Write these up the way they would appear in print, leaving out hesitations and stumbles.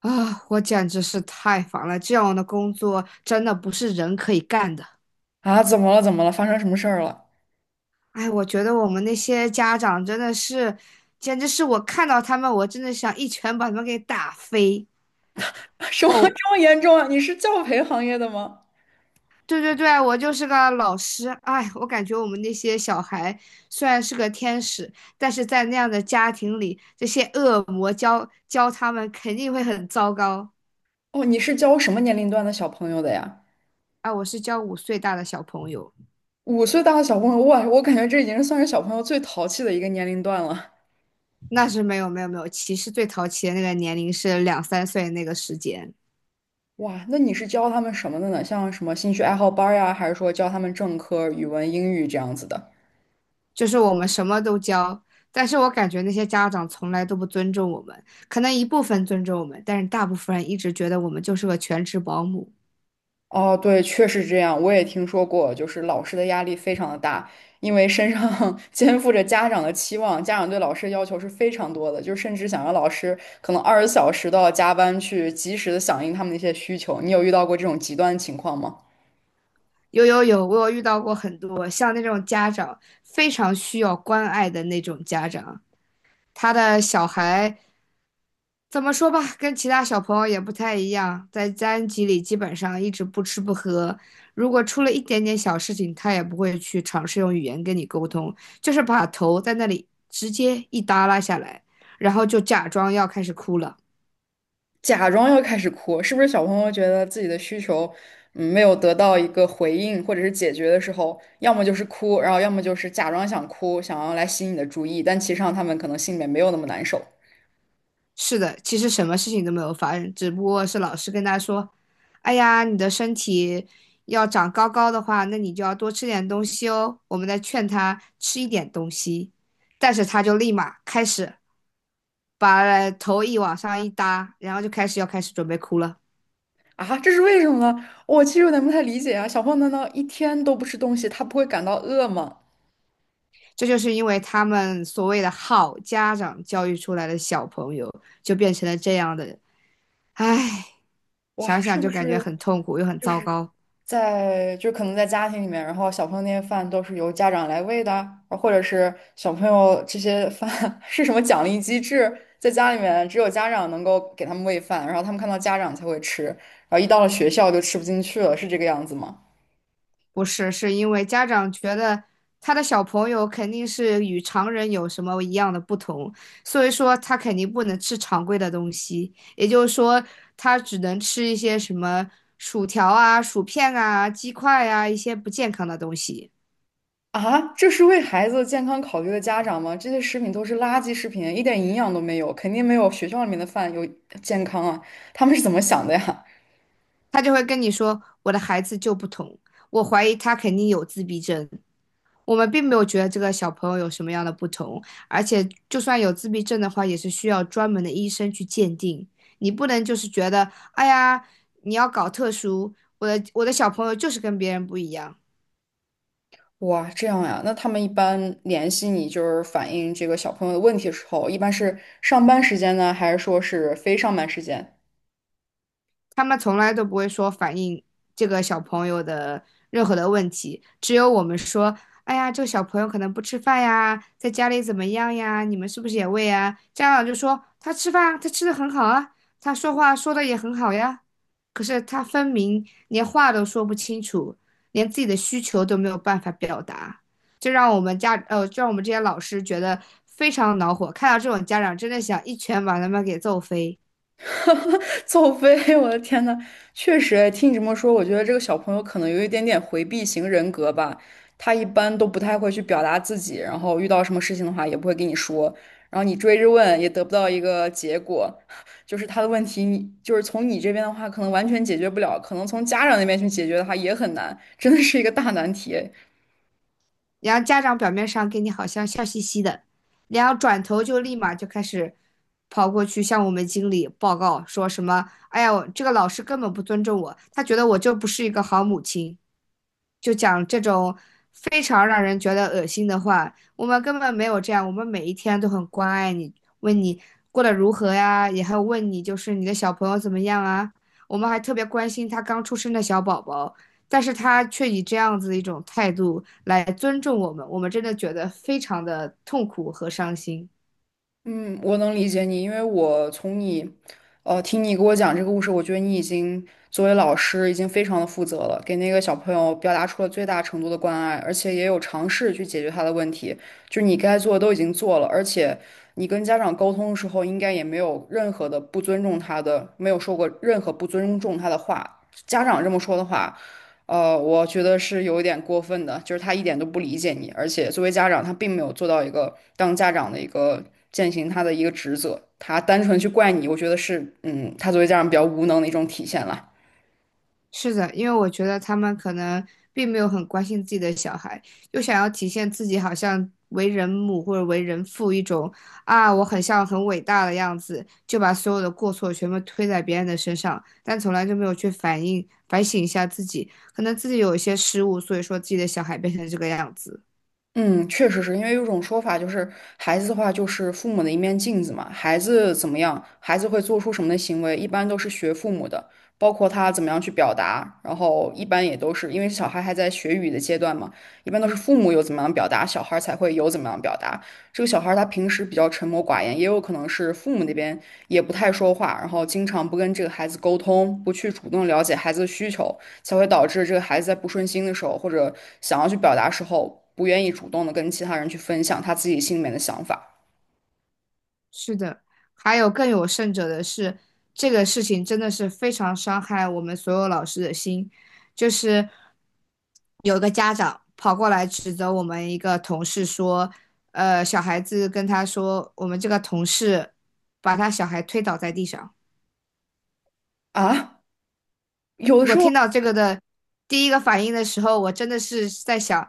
啊，我简直是太烦了！这样的工作真的不是人可以干的。啊，怎么了？怎么了？发生什么事儿了？哎，我觉得我们那些家长真的是，简直是我看到他们，我真的想一拳把他们给打飞。什么哦，这么严重啊？你是教培行业的吗？对对对，我就是个老师。哎，我感觉我们那些小孩虽然是个天使，但是在那样的家庭里，这些恶魔教教他们肯定会很糟糕。哦，你是教什么年龄段的小朋友的呀？哎，我是教5岁大的小朋友。5岁大的小朋友，哇，我感觉这已经是算是小朋友最淘气的一个年龄段了。那是没有没有没有，其实最淘气的那个年龄是两三岁那个时间，哇，那你是教他们什么的呢？像什么兴趣爱好班儿呀，还是说教他们正科语文、英语这样子的？就是我们什么都教，但是我感觉那些家长从来都不尊重我们，可能一部分尊重我们，但是大部分人一直觉得我们就是个全职保姆。哦，对，确实这样，我也听说过，就是老师的压力非常的大，因为身上 肩负着家长的期望，家长对老师的要求是非常多的，就甚至想让老师可能20小时都要加班去及时的响应他们的一些需求。你有遇到过这种极端的情况吗？有有有，我有遇到过很多像那种家长非常需要关爱的那种家长，他的小孩怎么说吧，跟其他小朋友也不太一样，在班级里基本上一直不吃不喝，如果出了一点点小事情，他也不会去尝试用语言跟你沟通，就是把头在那里直接一耷拉下来，然后就假装要开始哭了。假装要开始哭，是不是小朋友觉得自己的需求，嗯，没有得到一个回应或者是解决的时候，要么就是哭，然后要么就是假装想哭，想要来吸引你的注意，但其实上他们可能心里面没有那么难受。是的，其实什么事情都没有发生，只不过是老师跟他说：“哎呀，你的身体要长高高的话，那你就要多吃点东西哦。”我们在劝他吃一点东西，但是他就立马开始。把头一往上一搭，然后就开始要开始准备哭了。啊，这是为什么呢？我其实有点不太理解啊。小朋友难道一天都不吃东西，他不会感到饿吗？这就是因为他们所谓的好家长教育出来的小朋友，就变成了这样的人。唉，哇，想是想就不感觉是很痛苦又很就糟是糕。在就可能在家庭里面，然后小朋友那些饭都是由家长来喂的啊或者是小朋友这些饭 是什么奖励机制？在家里面只有家长能够给他们喂饭，然后他们看到家长才会吃，然后一到了学校就吃不进去了，是这个样子吗？不是，是因为家长觉得他的小朋友肯定是与常人有什么一样的不同，所以说他肯定不能吃常规的东西，也就是说他只能吃一些什么薯条啊、薯片啊、鸡块啊一些不健康的东西。啊，这是为孩子健康考虑的家长吗？这些食品都是垃圾食品，一点营养都没有，肯定没有学校里面的饭有健康啊。他们是怎么想的呀？他就会跟你说：“我的孩子就不同，我怀疑他肯定有自闭症。”我们并没有觉得这个小朋友有什么样的不同，而且就算有自闭症的话，也是需要专门的医生去鉴定。你不能就是觉得，哎呀，你要搞特殊，我的小朋友就是跟别人不一样。哇，这样呀？那他们一般联系你，就是反映这个小朋友的问题的时候，一般是上班时间呢，还是说是非上班时间？他们从来都不会说反映这个小朋友的任何的问题，只有我们说，哎呀，这个小朋友可能不吃饭呀，在家里怎么样呀？你们是不是也喂啊？家长就说他吃饭啊他吃的很好啊，他说话说的也很好呀。可是他分明连话都说不清楚，连自己的需求都没有办法表达，这让我们家呃，就让我们这些老师觉得非常恼火。看到这种家长，真的想一拳把他们给揍飞。哈哈，走飞！我的天呐，确实，哎听你这么说，我觉得这个小朋友可能有一点点回避型人格吧。他一般都不太会去表达自己，然后遇到什么事情的话也不会跟你说，然后你追着问也得不到一个结果，就是他的问题你，就是从你这边的话可能完全解决不了，可能从家长那边去解决的话也很难，真的是一个大难题。然后家长表面上跟你好像笑嘻嘻的，然后转头就立马就开始跑过去向我们经理报告，说什么：“哎呀，我这个老师根本不尊重我，他觉得我就不是一个好母亲。”就讲这种非常让人觉得恶心的话。我们根本没有这样，我们每一天都很关爱你，问你过得如何呀，也还有问你就是你的小朋友怎么样啊。我们还特别关心他刚出生的小宝宝，但是他却以这样子的一种态度来尊重我们，我们真的觉得非常的痛苦和伤心。嗯，我能理解你，因为我从你，听你给我讲这个故事，我觉得你已经作为老师已经非常的负责了，给那个小朋友表达出了最大程度的关爱，而且也有尝试去解决他的问题，就是你该做的都已经做了，而且你跟家长沟通的时候，应该也没有任何的不尊重他的，没有说过任何不尊重他的话，家长这么说的话。我觉得是有一点过分的，就是他一点都不理解你，而且作为家长，他并没有做到一个当家长的一个践行他的一个职责，他单纯去怪你，我觉得是，嗯，他作为家长比较无能的一种体现了。是的，因为我觉得他们可能并没有很关心自己的小孩，又想要体现自己好像为人母或者为人父一种啊，我很像很伟大的样子，就把所有的过错全部推在别人的身上，但从来就没有去反省一下自己，可能自己有一些失误，所以说自己的小孩变成这个样子。嗯，确实是因为有种说法，就是孩子的话就是父母的一面镜子嘛，孩子怎么样，孩子会做出什么的行为，一般都是学父母的，包括他怎么样去表达，然后一般也都是因为小孩还在学语的阶段嘛，一般都是父母有怎么样表达，小孩才会有怎么样表达。这个小孩儿他平时比较沉默寡言，也有可能是父母那边也不太说话，然后经常不跟这个孩子沟通，不去主动了解孩子的需求，才会导致这个孩子在不顺心的时候，或者想要去表达时候，不愿意主动的跟其他人去分享他自己心里面的想法是的，还有更有甚者的是，这个事情真的是非常伤害我们所有老师的心。就是有个家长跑过来指责我们一个同事说，小孩子跟他说，我们这个同事把他小孩推倒在地上。啊。有的时我候听到这个的第一个反应的时候，我真的是在想，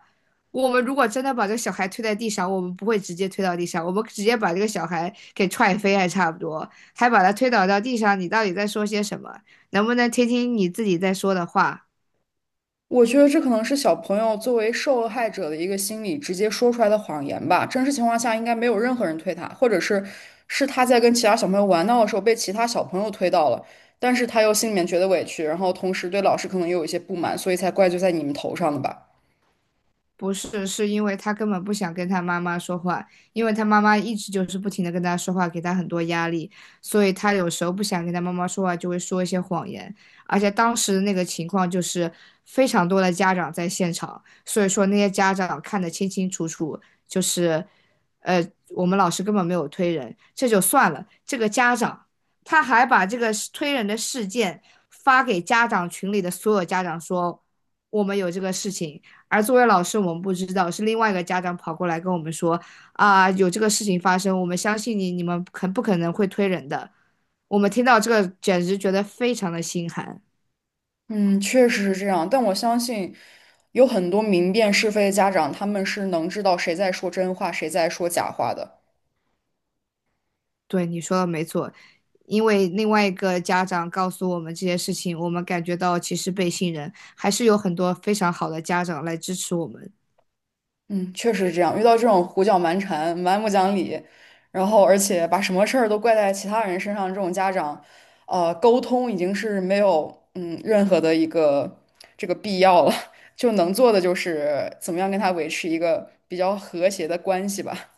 我们如果真的把这个小孩推在地上，我们不会直接推到地上，我们直接把这个小孩给踹飞还差不多，还把他推倒到地上，你到底在说些什么？能不能听听你自己在说的话？我觉得这可能是小朋友作为受害者的一个心理直接说出来的谎言吧。真实情况下，应该没有任何人推他，或者是他在跟其他小朋友玩闹的时候被其他小朋友推到了，但是他又心里面觉得委屈，然后同时对老师可能也有一些不满，所以才怪罪在你们头上的吧。不是，是因为他根本不想跟他妈妈说话，因为他妈妈一直就是不停的跟他说话，给他很多压力，所以他有时候不想跟他妈妈说话，就会说一些谎言。而且当时那个情况就是非常多的家长在现场，所以说那些家长看得清清楚楚，就是，呃，我们老师根本没有推人，这就算了，这个家长他还把这个推人的事件发给家长群里的所有家长说，我们有这个事情。而作为老师，我们不知道，是另外一个家长跑过来跟我们说啊，有这个事情发生，我们相信你，你们很不可能会推人的。我们听到这个，简直觉得非常的心寒。嗯，确实是这样，但我相信有很多明辨是非的家长，他们是能知道谁在说真话，谁在说假话的。对，你说的没错，因为另外一个家长告诉我们这些事情，我们感觉到其实被信任，还是有很多非常好的家长来支持我们。嗯，确实是这样。遇到这种胡搅蛮缠、蛮不讲理，然后而且把什么事儿都怪在其他人身上，这种家长，沟通已经是没有任何的一个这个必要了，就能做的就是怎么样跟他维持一个比较和谐的关系吧。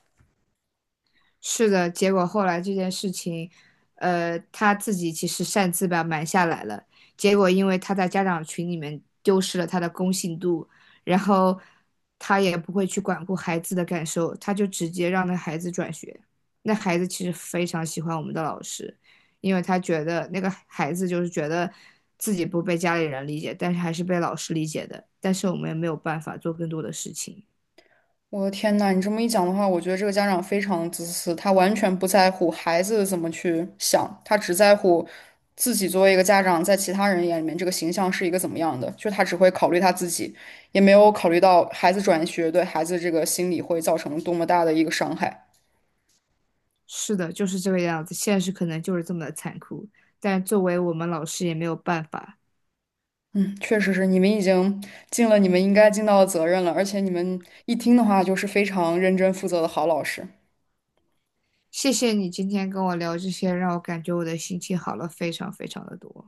是的，结果后来这件事情，他自己其实擅自把瞒下来了。结果因为他在家长群里面丢失了他的公信度，然后他也不会去管顾孩子的感受，他就直接让那孩子转学。那孩子其实非常喜欢我们的老师，因为他觉得那个孩子就是觉得自己不被家里人理解，但是还是被老师理解的。但是我们也没有办法做更多的事情。我的天呐，你这么一讲的话，我觉得这个家长非常自私，他完全不在乎孩子怎么去想，他只在乎自己作为一个家长，在其他人眼里面这个形象是一个怎么样的，就他只会考虑他自己，也没有考虑到孩子转学对孩子这个心理会造成多么大的一个伤害。是的，就是这个样子，现实可能就是这么的残酷，但作为我们老师也没有办法。嗯，确实是，你们已经尽了你们应该尽到的责任了，而且你们一听的话就是非常认真负责的好老师。谢谢你今天跟我聊这些，让我感觉我的心情好了非常非常的多。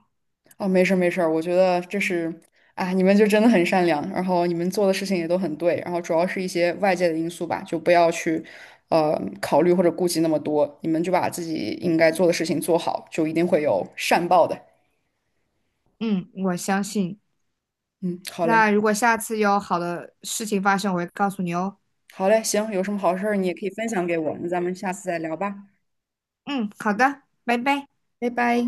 哦，没事儿没事儿，我觉得这是，啊，你们就真的很善良，然后你们做的事情也都很对，然后主要是一些外界的因素吧，就不要去，考虑或者顾及那么多，你们就把自己应该做的事情做好，就一定会有善报的。嗯，我相信。嗯，好嘞，那如果下次有好的事情发生，我会告诉你哦。好嘞，行，有什么好事儿你也可以分享给我，那咱们下次再聊吧，嗯，好的，拜拜。拜拜。